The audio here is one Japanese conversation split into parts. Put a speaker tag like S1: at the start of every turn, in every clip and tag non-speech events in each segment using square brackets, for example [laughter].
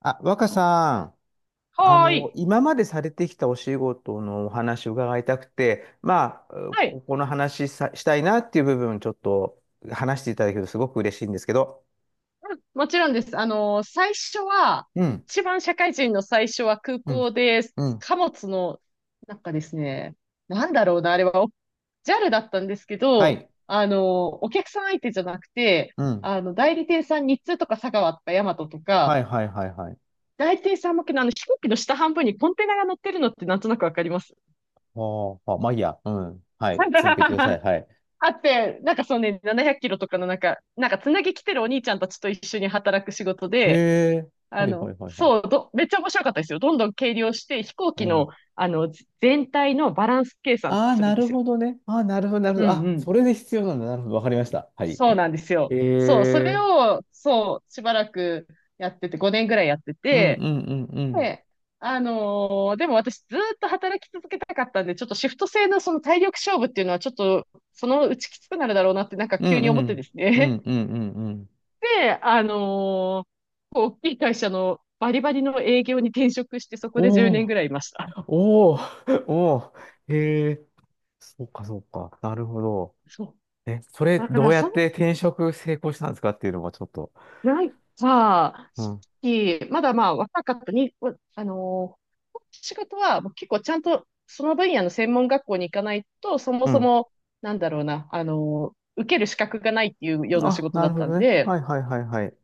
S1: あ、若さん、
S2: はーい。
S1: 今までされてきたお仕事のお話を伺いたくて、まあ、う
S2: はい。
S1: ここの話さ、したいなっていう部分、ちょっと話していただけるとすごく嬉しいんですけど。
S2: うんもちろんです。最初は、
S1: うん、
S2: 一番社会人の最初は空
S1: うん、
S2: 港で、
S1: うん。
S2: 貨物の、なんかですね、なんだろうな、あれは、お JAL だったんですけ
S1: は
S2: ど、
S1: い。
S2: お客さん相手じゃなくて、
S1: うん。
S2: 代理店さん、日通とか佐川とかヤマトと
S1: は
S2: か、
S1: い、はい、はい、はい。
S2: 代理店さん向けの飛行機の下半分にコンテナが乗ってるのってなんとなくわかります。
S1: はあ、あまあいいや。うん。はい。続けてください。
S2: [laughs]
S1: はい。
S2: あって、なんかそうね、700キロとかのつなぎ来てるお兄ちゃんたちと一緒に働く仕事
S1: へ
S2: で、
S1: え。はい、はい、はい、はい。
S2: めっちゃ面白かったですよ。どんどん計量して、飛行
S1: う
S2: 機の、
S1: ん。
S2: あの、全体のバランス計算と
S1: あ
S2: か
S1: あ、
S2: するん
S1: な
S2: で
S1: る
S2: すよ。
S1: ほどね。ああ、なるほど、なるほ
S2: う
S1: ど。
S2: ん
S1: あ、
S2: うん。
S1: それで必要なんだ。なるほど。わかりました。はい。
S2: そう
S1: え
S2: なんですよ。そう、それ
S1: え。
S2: を、そう、しばらくやってて、5年ぐらいやって
S1: うん、う
S2: て、
S1: ん、うん、うん。
S2: で、でも私ずーっと働き続けたかったんで、ちょっとシフト制のその体力勝負っていうのはちょっと、そのうちきつくなるだろうなって
S1: う
S2: 急
S1: ん
S2: に
S1: う
S2: 思って
S1: ん。
S2: です
S1: う
S2: ね。
S1: んうんうんうん。
S2: [laughs] で、あのーこう大きい会社のバリバリの営業に転職して、そこで10年
S1: おお、
S2: ぐらいいました。
S1: おお、[laughs] おお。へえ、そうかそうか。なるほど。
S2: そう。
S1: え、それ
S2: だか
S1: ど
S2: ら、
S1: うやっ
S2: そ、
S1: て転職成功したんですかっていうのもちょっと。
S2: なんか、
S1: う
S2: さっ
S1: ん。
S2: き、まだまあ若かったに、わあのー仕事はもう結構ちゃんとその分野の専門学校に行かないと、そも
S1: う
S2: そ
S1: ん。
S2: も、なんだろうな、あのー受ける資格がないっていうような仕
S1: あ、
S2: 事
S1: な
S2: だ
S1: る
S2: っ
S1: ほ
S2: たん
S1: どね。
S2: で、
S1: はい。へ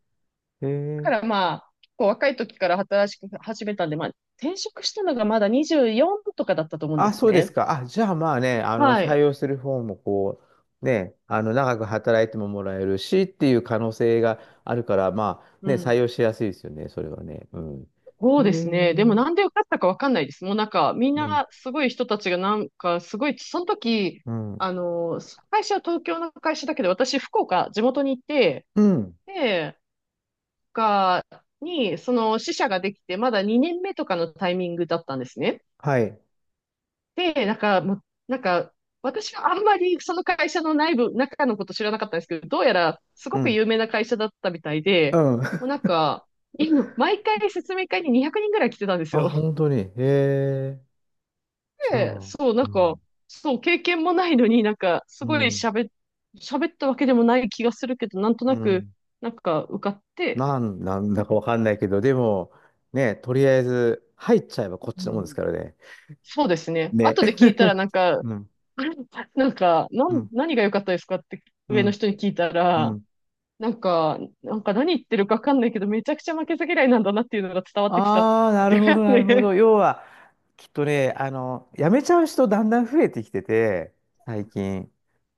S2: だ
S1: え。
S2: からまあ、結構若い時から働き始めたんで、まあ、転職したのがまだ24とかだったと思うんで
S1: あ、
S2: す
S1: そうです
S2: ね。
S1: か。あ、じゃあまあね、
S2: は
S1: 採
S2: い。
S1: 用する方もこう、ね、長く働いてももらえるしっていう可能性があるから、まあ
S2: う
S1: ね、採
S2: ん。
S1: 用しやすいですよね、それはね。うん。
S2: そうですね。でも
S1: へ
S2: な
S1: え。
S2: んで受かったかわかんないです。もうなんか、みん
S1: うん。
S2: なすごい人たちがすごい、その時、
S1: うん。
S2: あの、会社は東京の会社だけど、私、福岡、地元にいて、
S1: うん。
S2: で、福岡に、その支社ができて、まだ2年目とかのタイミングだったんですね。
S1: はい。
S2: で、なんか、もう、なんか、私はあんまりその会社の内部、中のこと知らなかったんですけど、どうやらす
S1: う
S2: ごく
S1: ん。
S2: 有名な会社だったみたいで、
S1: うん。
S2: もうなん
S1: [laughs]
S2: か、今毎回説明会に200人ぐらい来てたんです
S1: あ、
S2: よ。
S1: 本当に。へえ。じゃ
S2: で、
S1: あ、
S2: そう、な
S1: う
S2: んか、
S1: ん。
S2: そう、経験もないのにす
S1: う
S2: ごい
S1: ん。
S2: 喋っ、喋ったわけでもない気がするけど、なんと
S1: う
S2: なく、
S1: ん。
S2: 受かって、
S1: なん
S2: な
S1: だ
S2: ん
S1: か
S2: か、
S1: わかんないけど、でも、ね、とりあえず、入っちゃえばこっちの
S2: う
S1: もんです
S2: ん、
S1: からね。
S2: そうですね。
S1: ね。
S2: 後で聞いたら、
S1: [laughs] うん。
S2: [laughs]
S1: うん。
S2: 何が良かったですかって
S1: う
S2: 上の
S1: ん。
S2: 人に聞いた
S1: う
S2: ら、
S1: ん。
S2: 何言ってるかわかんないけど、めちゃくちゃ負けず嫌いなんだなっていうのが伝わってきたっ
S1: ああ、な
S2: て
S1: る
S2: いう
S1: ほ
S2: や
S1: ど、
S2: つ
S1: なるほど。
S2: ね。
S1: 要は、きっとね、辞めちゃう人だんだん増えてきてて、最近。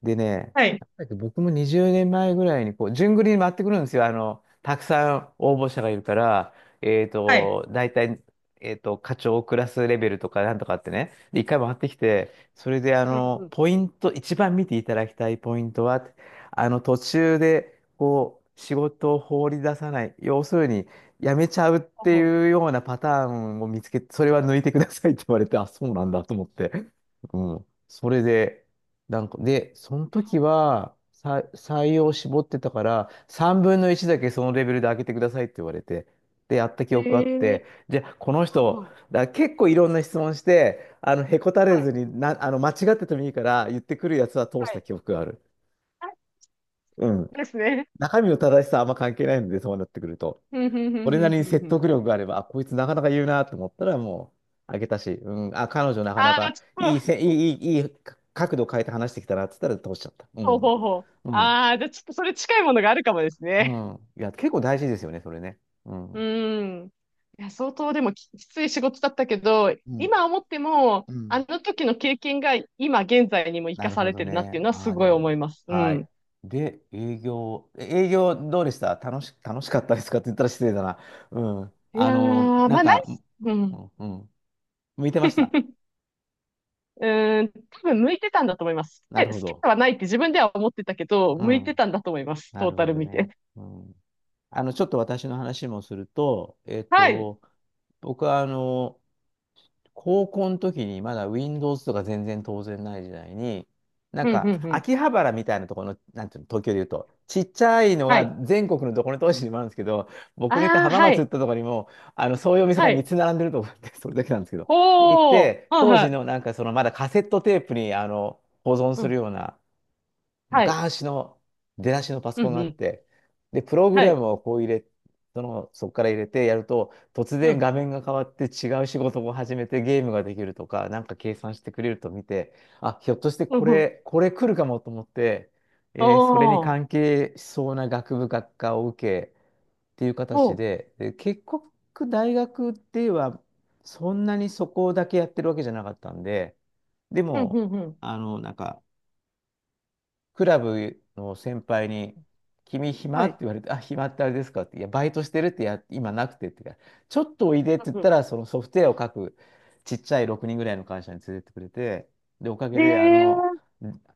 S1: でね、
S2: [laughs] はい、
S1: 僕も20年前ぐらいに、こう、順繰りに回ってくるんですよ。あの、たくさん応募者がいるから、
S2: はい。
S1: 大体、えっと、課長クラスレベルとかなんとかってね。で、一回回ってきて、それで、あ
S2: うんう
S1: の、
S2: ん。
S1: ポイント、一番見ていただきたいポイントは、あの、途中で、こう、仕事を放り出さない。要するに、やめちゃうっ
S2: ほう
S1: て
S2: ほ
S1: いう
S2: う。
S1: ようなパターンを見つけて、それは抜いてくださいって言われて、[laughs] あ、そうなんだと思って。うん。それで、その時は、採用を絞ってたから、3分の1だ
S2: はい。
S1: けそのレベルで開けてくださいって言われて、で、やった記
S2: はい、え
S1: 憶あって、
S2: ー
S1: じゃあ、この
S2: は
S1: 人、
S2: は
S1: 結構いろんな質問して、あの、へこたれ
S2: は
S1: ず
S2: い。
S1: にな、あの、間違っててもいいから、言ってくるやつは通し
S2: は
S1: た
S2: い
S1: 記憶がある。うん。
S2: ですね。
S1: 中身の正しさはあんま関係ないので、そうなってくると。
S2: ふんふんふん
S1: 俺
S2: ふ
S1: な
S2: ん
S1: り
S2: ふ
S1: に
S2: んふ
S1: 説
S2: ん。
S1: 得力があれば、あ、こいつなかなか言うなと思ったらもう、あげたし、うん、あ、彼女なかな
S2: ああ、
S1: か
S2: ちょっ
S1: いい
S2: と、
S1: せ、いい、いい、いいか角度変えて話してきたなって言ったら通しちゃった。う
S2: ほう
S1: ん、
S2: ほうほう。
S1: うん、
S2: ああ、じゃあちょっとそれ近いものがあるかもです
S1: う
S2: ね。
S1: いや、結構大事ですよね、それね。う
S2: う
S1: ん、
S2: ーん。いや、相当でもきつい仕事だったけど、
S1: うん、
S2: 今思っても、
S1: う
S2: あ
S1: ん。
S2: の時の経験が今現在にも生
S1: な
S2: か
S1: る
S2: さ
S1: ほ
S2: れ
S1: ど
S2: てるなっ
S1: ね。
S2: ていうのは
S1: あ
S2: す
S1: あ、
S2: ご
S1: で
S2: い思
S1: も、
S2: います。う
S1: はい。
S2: ん。
S1: で、営業どうでした楽しかったですかって言ったら失礼だな。うん。
S2: いやー、まあ、何う
S1: う
S2: ん。
S1: ん、うん。向いてました。
S2: うーん、多分向いてたんだと思います。
S1: な
S2: え
S1: る
S2: 好
S1: ほ
S2: き
S1: ど。
S2: ではないって自分では思ってたけど、
S1: う
S2: 向いて
S1: ん。
S2: たんだと思います。
S1: な
S2: トー
S1: る
S2: タ
S1: ほ
S2: ル
S1: ど
S2: 見
S1: ね。
S2: て。
S1: うん。あの、ちょっと私の話もすると、えっ
S2: はい。
S1: と、僕はあの、高校の時にまだ Windows とか全然当然ない時代に、なん
S2: うん、うん、
S1: か
S2: うん。
S1: 秋葉原みたいなところの、なんていうの、東京で言うと、ちっちゃいの
S2: は
S1: が
S2: い。
S1: 全国のどこの都市にもあるんですけど、僕の行った
S2: ああ、
S1: 浜
S2: は
S1: 松行っ
S2: い。
S1: たところにも、あの、そういうお店が
S2: は
S1: 3
S2: い。
S1: つ並んでると思って、[laughs] それだけなんですけど。で、行っ
S2: ほー。
S1: て、
S2: はい
S1: 当
S2: は
S1: 時
S2: い。
S1: のなんかそのまだカセットテープに、あの、保存
S2: う
S1: する
S2: ん。
S1: ような、
S2: はい。
S1: 昔の出だしのパソ
S2: う
S1: コン
S2: ん、
S1: が
S2: う
S1: あっ
S2: ん。
S1: て、で、プログ
S2: は
S1: ラ
S2: い。
S1: ムをこう入れ、その、そこから入れてやると、突
S2: う
S1: 然
S2: ん。
S1: 画面が変わって違う仕事を始めてゲームができるとか、なんか計算してくれると見て、あ、ひょっとして
S2: う
S1: こ
S2: ん、うん。
S1: れ、これ来るかもと思って、
S2: あ
S1: それに
S2: あ。
S1: 関係しそうな学部学科を受けっていう
S2: ほ
S1: 形
S2: う。
S1: で、で、結局大学ではそんなにそこだけやってるわけじゃなかったんで、で
S2: うん、
S1: も、
S2: うん、うん。
S1: あの、なんか、クラブの先輩に、君暇
S2: は
S1: って
S2: い。
S1: 言われて、あ、暇ってあれですかって、いや、バイトしてるってや、今なくてって言うから、ちょっとおいでって言っ
S2: うん、
S1: た
S2: う
S1: ら、そのソフトウェアを書くちっちゃい6人ぐらいの会社に連れてってくれて、で、おか
S2: ん。
S1: げ
S2: へ
S1: で、
S2: え、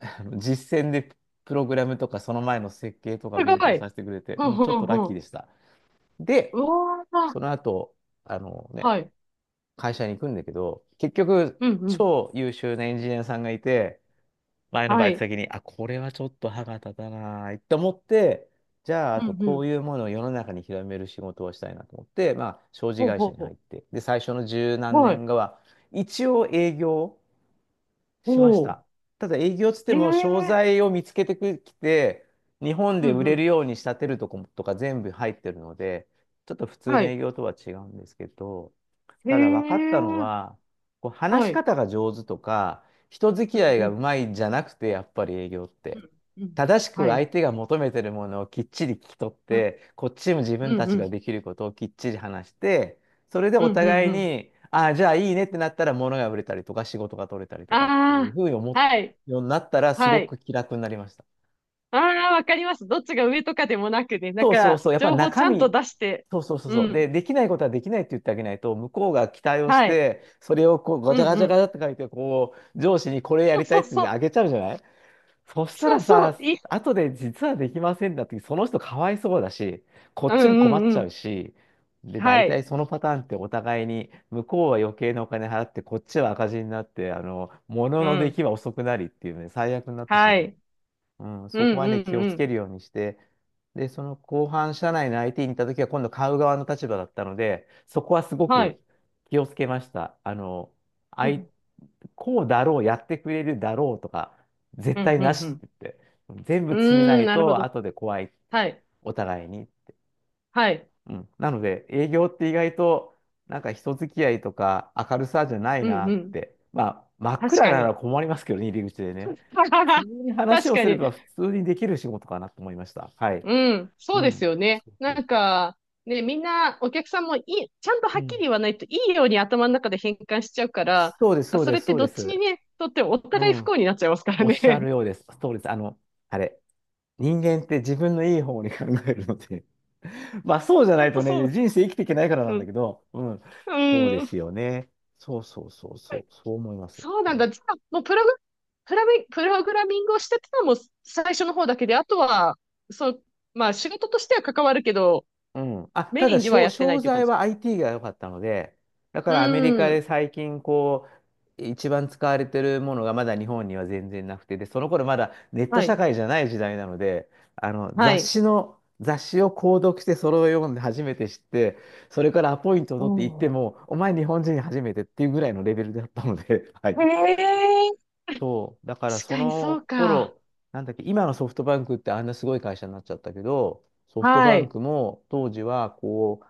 S1: あの [laughs] 実践でプログラムとか、その前の設計とか
S2: す
S1: 勉
S2: ご
S1: 強
S2: い。
S1: させてくれて、
S2: う
S1: うん、
S2: ん、う
S1: ちょっと
S2: ん、
S1: ラッキー
S2: う
S1: で
S2: ん。
S1: した。
S2: う
S1: で、
S2: わー。
S1: その後、あのね、
S2: はい。
S1: 会社に行くんだけど、結局、
S2: うん、うん。
S1: 超優秀なエンジニアさんがいて、前の
S2: は
S1: バイト
S2: い。
S1: 先に、あ、これはちょっと歯が立たないと思って、じゃあ、あ
S2: うん、
S1: と
S2: う
S1: こ
S2: ん。
S1: ういうものを世の中に広める仕事をしたいなと思って、まあ、商事
S2: ほう
S1: 会
S2: ほ
S1: 社
S2: う
S1: に入
S2: ほ
S1: って、で、最初の十
S2: う。
S1: 何
S2: はい。
S1: 年後は、一応営業、しまし
S2: おー。
S1: た。ただ営業つって
S2: へえ。
S1: も商材を見つけてきて、日本
S2: うん、
S1: で
S2: う
S1: 売れる
S2: ん。
S1: ように仕立てるとことか全部入ってるので、ちょっと普通
S2: は
S1: の
S2: い。
S1: 営業とは違うんですけど、
S2: へ
S1: ただ分かったの
S2: え。
S1: は、こう話
S2: は
S1: し
S2: い。
S1: 方が上手とか、人付
S2: う
S1: き
S2: ん、
S1: 合い
S2: う
S1: がう
S2: ん。
S1: まいんじゃなくて、やっぱり営業っ
S2: う
S1: て。
S2: ん、うん。
S1: 正しく
S2: はい。
S1: 相手が求めてるものをきっちり聞き取っ
S2: あ
S1: て、こっちも自
S2: う
S1: 分
S2: ん、
S1: た
S2: う
S1: ちが
S2: ん。
S1: できることをきっちり話して、それで
S2: うん、
S1: お
S2: うん、
S1: 互い
S2: うん。
S1: に、ああ、じゃあいいねってなったら物が売れたりとか仕事が取れたりとかっていう
S2: あ
S1: ふうに
S2: あ。
S1: 思
S2: はい。
S1: うようになったらす
S2: は
S1: ご
S2: い。
S1: く気楽になりました。
S2: ああ、わかります。どっちが上とかでもなくね。
S1: そう。やっぱ
S2: 情報ち
S1: 中
S2: ゃんと
S1: 身、
S2: 出して。う
S1: そう。
S2: ん。
S1: で、できないことはできないって言ってあげないと、向こうが期待をし
S2: はい。
S1: て、それをこうガ
S2: う
S1: チャ
S2: ん
S1: ガ
S2: う
S1: チャガ
S2: ん。
S1: チャって書いて、こう、上司にこれや
S2: そう
S1: りたい
S2: そう
S1: って
S2: そ
S1: あ
S2: う。
S1: げちゃうじゃない。そした
S2: そう
S1: ら
S2: そう。
S1: さ、
S2: いい。
S1: 後で実はできませんだって、その人かわいそうだし、こっ
S2: うん
S1: ちも困っ
S2: うん
S1: ち
S2: う
S1: ゃ
S2: ん。
S1: うし、で、
S2: は
S1: 大体
S2: い。
S1: そのパターンってお互いに、向こうは余計なお金払って、こっちは赤字になって、あの、物
S2: う
S1: の出
S2: ん。
S1: 来は遅くなりっていうね、最悪になってし
S2: は
S1: まう。
S2: い。
S1: うん、
S2: う
S1: そこはね、
S2: んうん
S1: 気を
S2: う
S1: つ
S2: ん。
S1: けるようにして、で、その後半、社内の IT に行った時は、今度買う側の立場だったので、そこはすご
S2: は
S1: く
S2: い。
S1: 気をつけました。あの、あ
S2: う
S1: い、
S2: ん
S1: こうだろう、やってくれるだろうとか、
S2: う
S1: 絶
S2: ん
S1: 対
S2: う
S1: なし
S2: ん。
S1: って言って、全部
S2: うん。
S1: 詰めな
S2: うーん、
S1: い
S2: なるほ
S1: と
S2: ど。
S1: 後で怖いって、
S2: はい。
S1: お互いに。
S2: はい。
S1: うん。なので、営業って意外と、なんか人付き合いとか明るさじゃない
S2: う
S1: な
S2: んう
S1: っ
S2: ん。
S1: て。まあ、真っ
S2: 確
S1: 暗
S2: か
S1: なら
S2: に。
S1: 困りますけどね、入り口でね。
S2: [laughs]
S1: 普通に話
S2: 確
S1: を
S2: か
S1: すれ
S2: に。
S1: ば普通にできる仕事かなと思いました。はい。
S2: うん、そ
S1: う
S2: うです
S1: ん。
S2: よ
S1: そ
S2: ね。
S1: うそうそ
S2: ね、みんな、お客さんもいい、ちゃんとは
S1: う
S2: っき
S1: ん。
S2: り言わないといいように頭の中で変換しちゃうから、
S1: そうです、そう
S2: そ
S1: で
S2: れっ
S1: す、
S2: て
S1: そう
S2: ど
S1: で
S2: っちに
S1: す。
S2: ね、とってもお
S1: う
S2: 互い不
S1: ん。
S2: 幸になっちゃいますから
S1: おっ
S2: ね。
S1: しゃる
S2: [laughs]
S1: ようです。そうです。あの、あれ。人間って自分のいい方に考えるので [laughs] まあそうじゃな
S2: ほん
S1: い
S2: と
S1: と
S2: そ
S1: ね、
S2: う。
S1: 人生生きていけないからな
S2: う
S1: んだけ
S2: ん。
S1: ど、うん。
S2: う
S1: そうで
S2: ん。
S1: すよね。そうそうそうそう、そう思います。
S2: そう
S1: う
S2: なんだ。
S1: ん
S2: じゃあ、もうプログ、プラミ、プログラミングをしてたのも最初の方だけで、あとは、そう、まあ仕事としては関わるけど、
S1: うん。あ、た
S2: メイ
S1: だ、
S2: ンではやってな
S1: 商
S2: いという感
S1: 材
S2: じ。
S1: は IT が良かったので、だか
S2: う
S1: らアメリカで
S2: ん。
S1: 最近、こう、一番使われてるものがまだ日本には全然なくて、で、その頃まだネット
S2: は
S1: 社
S2: い。
S1: 会じゃない時代なので、
S2: はい。
S1: 雑誌を購読してそれを読んで初めて知って、それからアポイントを取って行って
S2: お
S1: も、お前日本人初めてっていうぐらいのレベルだったので、[laughs] は
S2: ー
S1: い。
S2: へえ。
S1: そう。だから
S2: 確
S1: そ
S2: かにそ
S1: の
S2: うか。
S1: 頃、なんだっけ、今のソフトバンクってあんなすごい会社になっちゃったけど、ソフト
S2: は
S1: バン
S2: い。
S1: クも当時はこ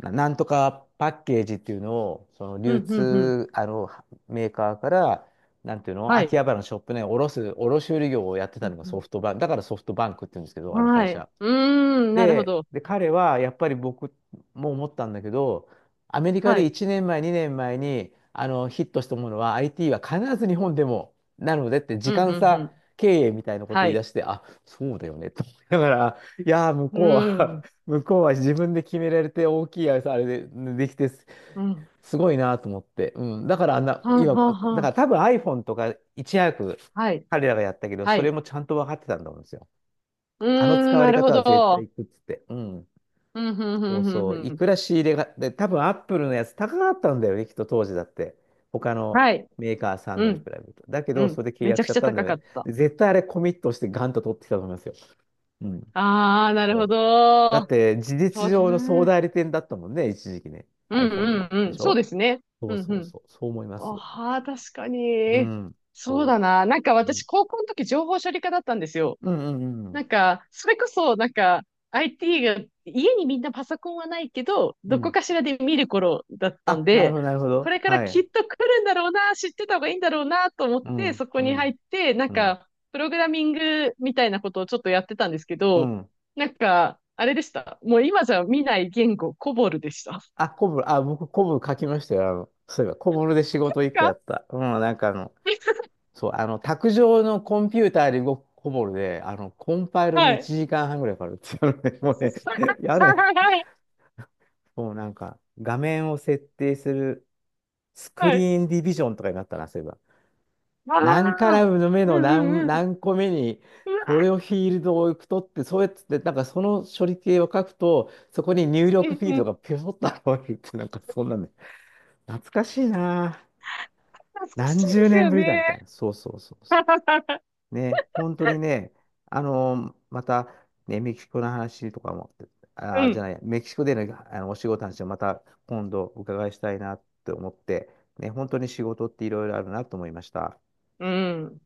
S1: う、なんとかパッケージっていうのを、その
S2: う
S1: 流
S2: ん、うん、うん。
S1: 通、あの、メーカーから、なんていうの、
S2: は
S1: 秋葉
S2: い。
S1: 原のショップね、卸売業をやって
S2: う
S1: たの
S2: ん、
S1: が
S2: う
S1: ソ
S2: ん。
S1: フトバンク、だからソフトバンクって言うんですけど、あの会
S2: はい。
S1: 社。
S2: うーん、なるほ
S1: で、
S2: ど。
S1: で、彼はやっぱり僕も思ったんだけど、アメリカ
S2: は
S1: で
S2: い。
S1: 1年前、2年前にあのヒットしたものは IT は必ず日本でもなのでって時
S2: うん、
S1: 間
S2: うん、う
S1: 差
S2: ん。
S1: 経営みたいなこと
S2: は
S1: 言い
S2: い。
S1: 出して、あ、そうだよねと思いながら、いやー、向
S2: う
S1: こう
S2: ー
S1: は
S2: ん、
S1: [laughs] 向こうは自分で決められて大きいあれで、できてす、
S2: うん。
S1: すごいなと思って。うん。だからあんな、
S2: はん
S1: 今、
S2: はんは
S1: だか
S2: ん。
S1: ら多分 iPhone とかいち早く
S2: はい。
S1: 彼らがやったけど、
S2: は
S1: それ
S2: い。
S1: もちゃんと分かってたんだと思うんですよ。
S2: う
S1: あの
S2: ー
S1: 使
S2: ん、
S1: わ
S2: な
S1: れ
S2: るほ
S1: 方は絶対
S2: ど。
S1: いくっつって。うん。
S2: うん、うん、う
S1: そう
S2: ん、う
S1: そう。
S2: ん、
S1: い
S2: うん。
S1: くら仕入れが、で、多分アップルのやつ高かったんだよね、きっと当時だって。他の
S2: はい。
S1: メーカーさん
S2: う
S1: のに比
S2: ん、
S1: べると。だけ
S2: う
S1: ど、そ
S2: ん。
S1: れで契
S2: めち
S1: 約
S2: ゃ
S1: し
S2: く
S1: ちゃ
S2: ち
S1: っ
S2: ゃ
S1: たんだ
S2: 高
S1: よ
S2: か
S1: ね。
S2: った。
S1: で、絶対あれコミットしてガンと取ってきたと思いますよ。うん。
S2: ああ、なる
S1: そ
S2: ほ
S1: う。だ
S2: ど。
S1: って、事
S2: そ
S1: 実
S2: うです
S1: 上の総
S2: ね。
S1: 代理店だったもんね、一時期ね。
S2: う
S1: iPhone
S2: ん、
S1: の。
S2: うん、
S1: で
S2: うん。
S1: し
S2: そう
S1: ょ
S2: ですね。
S1: そ
S2: う
S1: う
S2: ん、
S1: そ
S2: う
S1: う
S2: ん。
S1: そう。そう思います。
S2: ああ、確か
S1: う
S2: に。
S1: ん。
S2: そう
S1: そ
S2: だな。
S1: う。うん
S2: 私、高校の時情報処理科だったんですよ。
S1: うんうんう
S2: な
S1: ん。
S2: んか、それこそ、なんか、IT が、家にみんなパソコンはないけど、
S1: う
S2: どこ
S1: ん。
S2: かしらで見る頃だったん
S1: あ、なるほ
S2: で、
S1: ど、なるほ
S2: こ
S1: ど。
S2: れから
S1: は
S2: きっ
S1: い。
S2: と来るんだろうな、知ってた方がいいんだろうな、と思っ
S1: う
S2: て、
S1: ん、
S2: そこ
S1: う
S2: に入っ
S1: ん、
S2: て、
S1: うん、
S2: プログラミングみたいなことをちょっとやってたんですけ
S1: う
S2: ど、
S1: ん。
S2: あれでした。もう今じゃ見ない言語、コボルでした。
S1: あ、コブ、あ、僕、コブ書きましたよ。そういえば、コブルで仕事一個や
S2: か
S1: った。うん、
S2: [laughs]
S1: 卓上のコンピューターで動くコブルで、あの、コンパイル
S2: は
S1: に
S2: い。
S1: 1時間半ぐらいかかるっていうのね、もうね、
S2: [laughs]
S1: [laughs] やね、
S2: はい。[laughs]
S1: もうなんか、画面を設定するスク
S2: はい
S1: リーンディビジョンとかになったな、そういえば。
S2: あ
S1: 何カ
S2: あ、
S1: ラムの目
S2: うん
S1: の
S2: う
S1: 何、
S2: んうん。
S1: 何個目に、
S2: う
S1: こ
S2: わ、
S1: れをフィールドを取って、そうやって、なんかその処理系を書くと、そこに入
S2: う
S1: 力
S2: ん
S1: フィー
S2: う
S1: ルドが
S2: ん。
S1: ピョソッと現れるって、なんかそんなんね、懐かしいな。
S2: 懐かしい
S1: 何
S2: で
S1: 十
S2: す
S1: 年
S2: よ
S1: ぶ
S2: ね。
S1: りだみたいな。そうそうそうそ
S2: [laughs]
S1: う。ね、本当にね、あのまた、ね、メキシコの話とかも、
S2: う
S1: あー、じゃ
S2: ん。
S1: ない、メキシコでのあのお仕事の話をまた今度お伺いしたいなって思って、ね、本当に仕事っていろいろあるなと思いました。
S2: うん。